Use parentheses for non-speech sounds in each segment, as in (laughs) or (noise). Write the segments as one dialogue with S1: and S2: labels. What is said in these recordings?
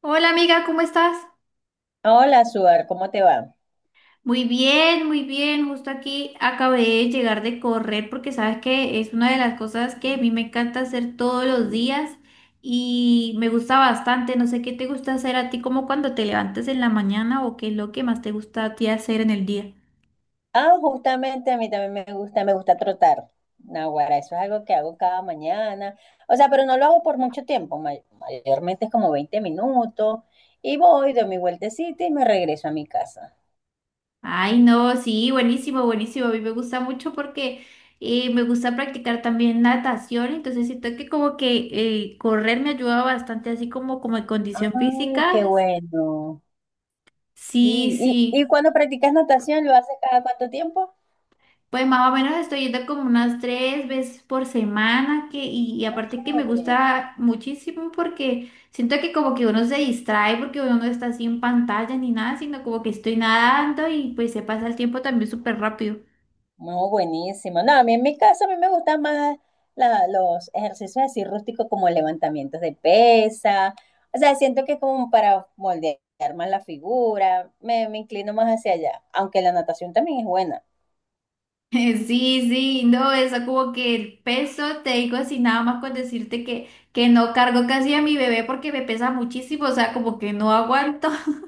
S1: Hola amiga, ¿cómo estás?
S2: Hola, Suar, ¿cómo te va?
S1: Muy bien, muy bien. Justo aquí acabé de llegar de correr porque sabes que es una de las cosas que a mí me encanta hacer todos los días y me gusta bastante. No sé qué te gusta hacer a ti como cuando te levantas en la mañana o qué es lo que más te gusta a ti hacer en el día.
S2: Ah, justamente a mí también me gusta trotar. Naguará, eso es algo que hago cada mañana. O sea, pero no lo hago por mucho tiempo, mayormente es como 20 minutos y voy, doy mi vueltecita y me regreso a mi casa.
S1: Ay, no, sí, buenísimo, buenísimo. A mí me gusta mucho porque me gusta practicar también natación, entonces siento que como que correr me ayuda bastante así como en condición
S2: Ay,
S1: física.
S2: qué bueno. Sí,
S1: Sí,
S2: ¿y
S1: sí.
S2: cuando practicas natación, ¿lo haces cada cuánto tiempo?
S1: Pues más o menos estoy yendo como unas 3 veces por semana y
S2: Ah,
S1: aparte que me
S2: chévere.
S1: gusta muchísimo porque siento que como que uno se distrae porque uno no está así en pantalla ni nada, sino como que estoy nadando y pues se pasa el tiempo también súper rápido. (laughs)
S2: No, buenísimo. No, a mí en mi caso a mí me gustan más los ejercicios así rústicos como levantamientos de pesa. O sea, siento que es como para moldear más la figura. Me inclino más hacia allá, aunque la natación también es buena.
S1: Sí, sí, no, eso como que el peso, te digo así nada más con decirte que no cargo casi a mi bebé porque me pesa muchísimo, o sea, como que no aguanto. (laughs)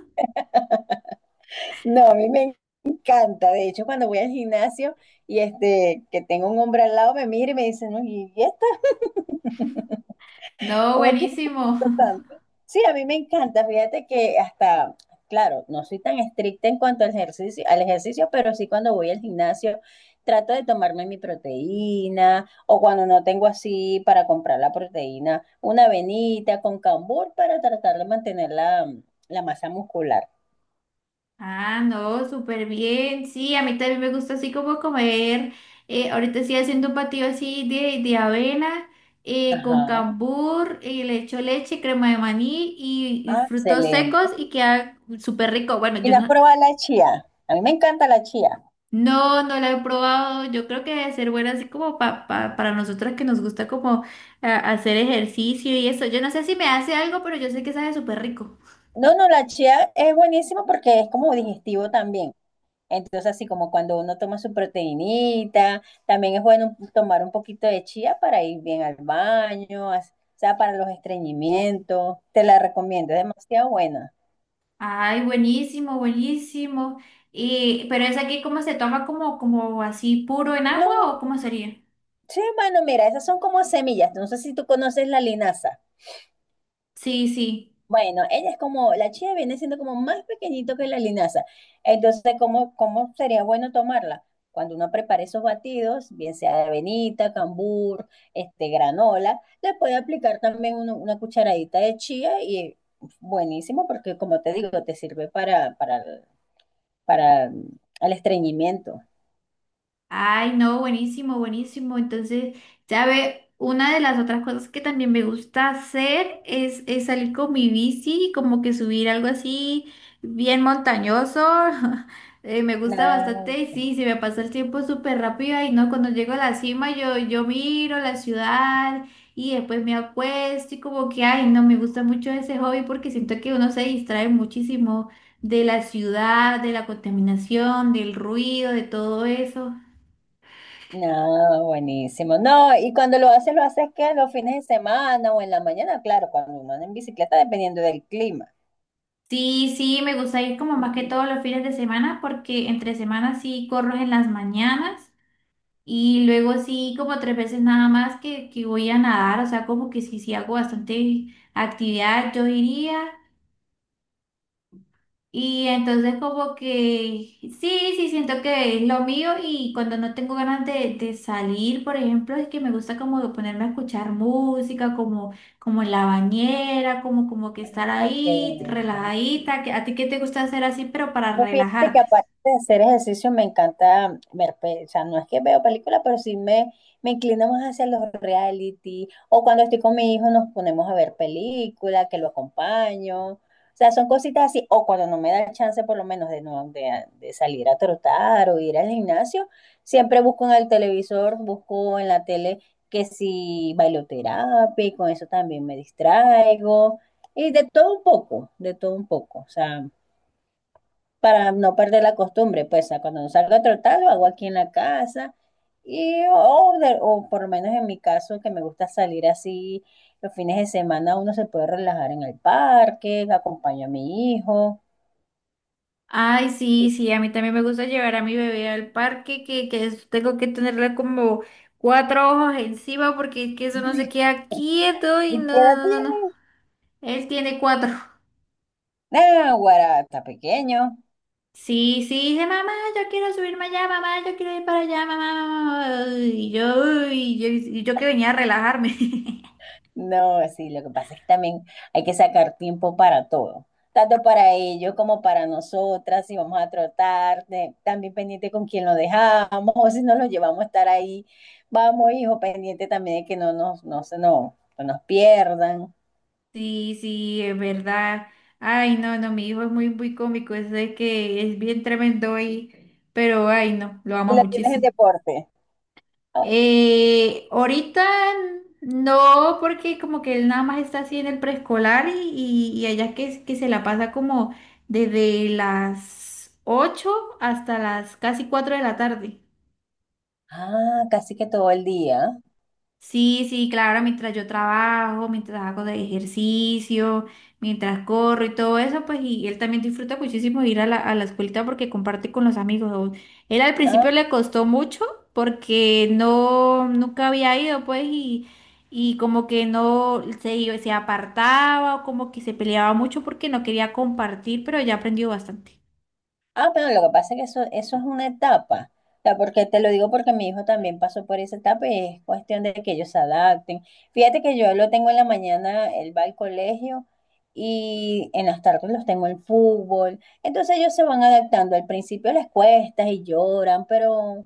S2: No, a mí me encanta. De hecho, cuando voy al gimnasio y este, que tengo un hombre al lado, me mira y me dice, no, ¿y este?
S1: No,
S2: Como que
S1: buenísimo.
S2: importante. Sí, a mí me encanta. Fíjate que hasta, claro, no soy tan estricta en cuanto al ejercicio, pero sí cuando voy al gimnasio trato de tomarme mi proteína o cuando no tengo así para comprar la proteína, una avenita con cambur para tratar de mantener la masa muscular.
S1: Ah, no, súper bien. Sí, a mí también me gusta así como comer. Ahorita estoy haciendo un batido así de avena con
S2: Ajá.
S1: cambur, le echo leche, crema de maní y
S2: Ah,
S1: frutos secos
S2: excelente.
S1: y queda súper rico. Bueno,
S2: ¿Y
S1: yo
S2: no has
S1: no,
S2: probado la chía? A mí me encanta la chía.
S1: no, no la he probado. Yo creo que debe ser buena así como para nosotras que nos gusta como hacer ejercicio y eso. Yo no sé si me hace algo, pero yo sé que sabe súper rico.
S2: No, no, la chía es buenísima porque es como digestivo también. Entonces, así como cuando uno toma su proteinita, también es bueno tomar un poquito de chía para ir bien al baño, o sea, para los estreñimientos. Te la recomiendo, es demasiado buena.
S1: Ay, buenísimo, buenísimo. Y, pero es aquí ¿cómo se toma como, como así puro en agua
S2: No,
S1: o cómo sería?
S2: sí, bueno, mira, esas son como semillas. No sé si tú conoces la linaza.
S1: Sí, sí.
S2: Bueno, ella es como, la chía viene siendo como más pequeñito que la linaza. Entonces, ¿cómo, cómo sería bueno tomarla? Cuando uno prepare esos batidos, bien sea de avenita, cambur, este, granola, le puede aplicar también una cucharadita de chía y buenísimo porque, como te digo, te sirve para el estreñimiento.
S1: Ay, no, buenísimo, buenísimo. Entonces, ya ve, una de las otras cosas que también me gusta hacer es salir con mi bici, como que subir algo así bien montañoso. (laughs) Me gusta
S2: Nada,
S1: bastante y sí, se me pasa el tiempo súper rápido y no, cuando llego a la cima yo miro la ciudad y después me acuesto y como que, ay, no, me gusta mucho ese hobby porque siento que uno se distrae muchísimo de la ciudad, de la contaminación, del ruido, de todo eso.
S2: no, buenísimo. No, y cuando lo haces que los fines de semana o en la mañana, claro, cuando uno anda en bicicleta, dependiendo del clima.
S1: Sí, sí, me gusta ir como más que todos los fines de semana porque entre semanas sí corro en las mañanas y luego sí como 3 veces nada más que voy a nadar, o sea, como que sí, sí hago bastante actividad, yo diría. Y entonces como que sí, sí, siento que es lo mío y cuando no tengo ganas de salir, por ejemplo, es que me gusta como ponerme a escuchar música, como, como en la bañera, como, como que estar
S2: Ah, qué
S1: ahí
S2: bueno.
S1: relajadita. ¿A ti qué te gusta hacer así, pero para
S2: Pues fíjate que
S1: relajarte?
S2: aparte de hacer ejercicio me encanta ver, o sea, no es que veo películas, pero sí me inclino más hacia los reality, o cuando estoy con mi hijo nos ponemos a ver películas, que lo acompaño, o sea, son cositas así, o cuando no me da chance por lo menos de, no, de salir a trotar o ir al gimnasio, siempre busco en el televisor, busco en la tele que si bailoterapia, y con eso también me distraigo. Y de todo un poco, de todo un poco. O sea, para no perder la costumbre, pues a cuando salgo a trotar lo hago aquí en la casa y o, o por lo menos en mi caso que me gusta salir así los fines de semana uno se puede relajar en el parque, acompaño a mi hijo.
S1: Ay,
S2: ¿Y
S1: sí, sí, a mí también me gusta llevar a mi bebé al parque, que tengo que tenerle como cuatro ojos encima porque es que eso no se queda quieto
S2: y
S1: y no,
S2: qué edad
S1: no, no, no, no.
S2: tiene?
S1: Él tiene 4.
S2: Ah, guará, está pequeño.
S1: Sí, sí, dije, "Mamá, yo quiero subirme allá, mamá, yo quiero ir para allá, mamá, mamá, mamá". Y yo que venía a relajarme. (laughs)
S2: No, sí, lo que pasa es que también hay que sacar tiempo para todo, tanto para ellos como para nosotras, si vamos a trotar, también pendiente con quién lo dejamos, o si nos lo llevamos a estar ahí, vamos, hijo, pendiente también de que no nos, no se nos, no nos pierdan.
S1: Sí, sí, es verdad. Ay, no, no, mi hijo es muy, muy cómico, es de que es bien tremendo y, pero ay, no, lo
S2: ¿Y
S1: amo
S2: la tienes en
S1: muchísimo.
S2: deporte?
S1: Ahorita no, porque como que él nada más está así en el preescolar y allá que se la pasa como desde las 8 hasta las casi 4 de la tarde.
S2: Ah, casi que todo el día.
S1: Sí, sí, claro, mientras yo trabajo, mientras hago de ejercicio, mientras corro y todo eso, pues y él también disfruta muchísimo ir a la escuelita porque comparte con los amigos. Él al
S2: Ah,
S1: principio le costó mucho porque no, nunca había ido, pues, y como que no se, iba- se apartaba o como que se peleaba mucho porque no quería compartir, pero ya aprendió bastante.
S2: ah, pero lo que pasa es que eso es una etapa. O sea, porque te lo digo porque mi hijo también pasó por esa etapa y es cuestión de que ellos se adapten. Fíjate que yo lo tengo en la mañana, él va al colegio y en las tardes los tengo en fútbol. Entonces ellos se van adaptando. Al principio les cuesta y lloran, pero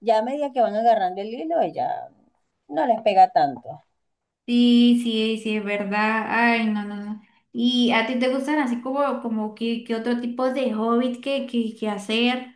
S2: ya a medida que van agarrando el hilo, ya no les pega tanto.
S1: Sí, sí, sí, es verdad. Ay, no, no, no. ¿Y a ti te gustan así como, como que, otro tipo de hobby que hacer?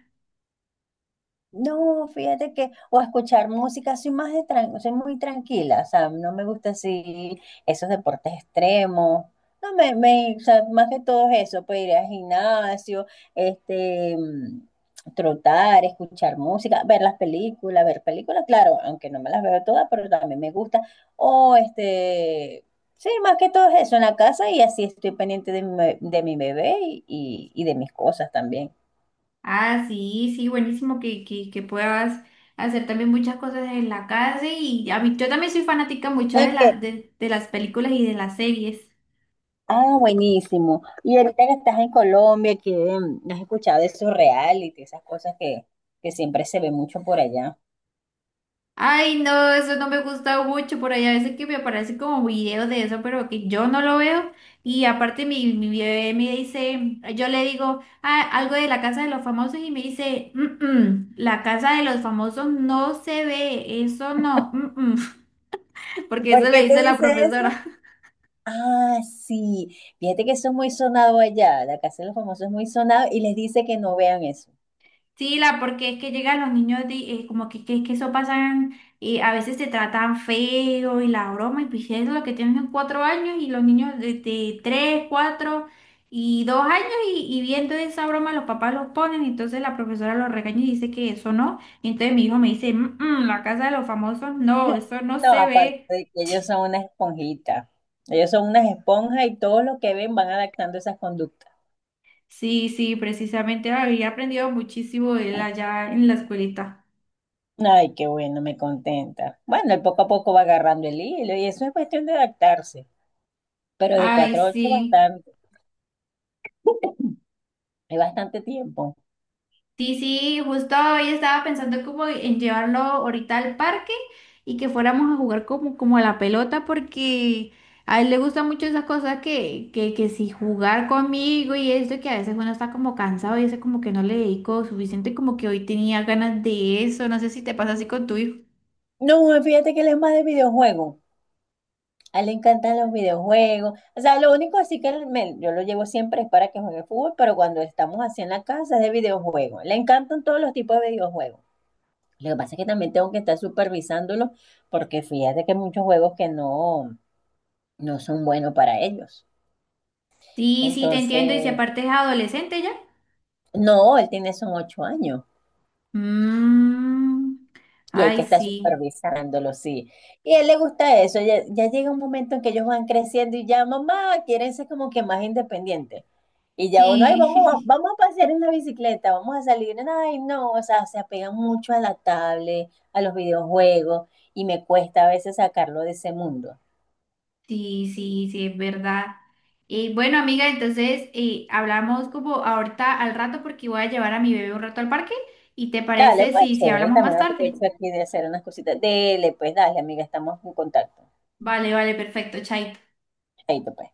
S2: No, fíjate que, o escuchar música, soy más de soy muy tranquila, o sea, no me gusta así esos deportes extremos, no me, me, o sea, más que todo eso, pues ir al gimnasio, este, trotar, escuchar música, ver las películas, ver películas, claro, aunque no me las veo todas, pero también me gusta, o este, sí, más que todo eso en la casa y así estoy pendiente de de mi bebé y de mis cosas también.
S1: Ah, sí, sí, buenísimo que puedas hacer también muchas cosas en la casa y a mí, yo también soy fanática mucho de
S2: Ok.
S1: las, de, de las películas y de las series.
S2: Ah, buenísimo. Y ahorita que estás en Colombia, has escuchado de esos reality, esas cosas que siempre se ve mucho por allá.
S1: Ay, no, eso no me gusta mucho. Por ahí a veces que me aparece como video de eso, pero que yo no lo veo. Y aparte mi bebé me dice, yo le digo, "Ah, algo de la casa de los famosos", y me dice, "Mm, mm, la casa de los famosos no se ve, eso no, mm, mm", (laughs) porque
S2: ¿Por
S1: eso
S2: qué
S1: le
S2: te
S1: dice la
S2: dice eso?
S1: profesora.
S2: Ah, sí. Fíjate que eso es muy sonado allá. La Casa de los Famosos es muy sonado y les dice que no vean eso.
S1: Sí, la, porque es que llegan los niños de, como que eso pasan, a veces se tratan feo y la broma, y pues es lo que tienen 4 años y los niños de 3, 4 y 2 años y viendo esa broma los papás los ponen, entonces la profesora los regaña y dice que eso no, y entonces mi hijo me dice, "Mm, mm, la casa de los famosos, no, eso no
S2: No,
S1: se
S2: aparte
S1: ve".
S2: de que ellos son unas esponjitas. Ellos son unas esponjas y todo lo que ven van adaptando esas conductas.
S1: Sí, sí, precisamente había aprendido muchísimo de él allá en la escuelita.
S2: Ay, qué bueno, me contenta. Bueno, él poco a poco va agarrando el hilo y eso es cuestión de adaptarse. Pero de
S1: Ay,
S2: 4 a 8
S1: sí.
S2: hay bastante tiempo.
S1: Sí, sí, justo hoy estaba pensando como en llevarlo ahorita al parque y que fuéramos a jugar como, como a la pelota porque a él le gustan mucho esas cosas que si jugar conmigo y esto que a veces uno está como cansado y eso como que no le dedico suficiente como que hoy tenía ganas de eso, no sé si te pasa así con tu hijo.
S2: No, fíjate que él es más de videojuegos. A él le encantan los videojuegos. O sea, lo único así que él yo lo llevo siempre es para que juegue fútbol, pero cuando estamos así en la casa es de videojuegos. Le encantan todos los tipos de videojuegos. Lo que pasa es que también tengo que estar supervisándolo porque fíjate que hay muchos juegos que no son buenos para ellos.
S1: Sí, sí, te
S2: Entonces,
S1: entiendo y si aparte es adolescente ya.
S2: no, él tiene son ocho años.
S1: Mm,
S2: Y hay
S1: ay,
S2: que estar
S1: sí.
S2: supervisándolo, sí. Y a él le gusta eso. Ya, ya llega un momento en que ellos van creciendo y ya, mamá, quieren ser como que más independientes. Y ya uno, ay, vamos,
S1: Sí. (laughs)
S2: vamos a pasear en la bicicleta, vamos a salir. Ay, no, o sea, se apegan mucho a la tablet, a los videojuegos, y me cuesta a veces sacarlo de ese mundo.
S1: Sí, sí, sí, es verdad. Y bueno, amiga, entonces hablamos como ahorita al rato porque voy a llevar a mi bebé un rato al parque. ¿Y te
S2: Dale,
S1: parece
S2: pues,
S1: si
S2: chévere, y
S1: hablamos más
S2: también
S1: tarde?
S2: aprovecho aquí de hacer unas cositas. Dele, pues, dale, amiga, estamos en contacto.
S1: Vale, vale, perfecto, chaito.
S2: Chaito, pues.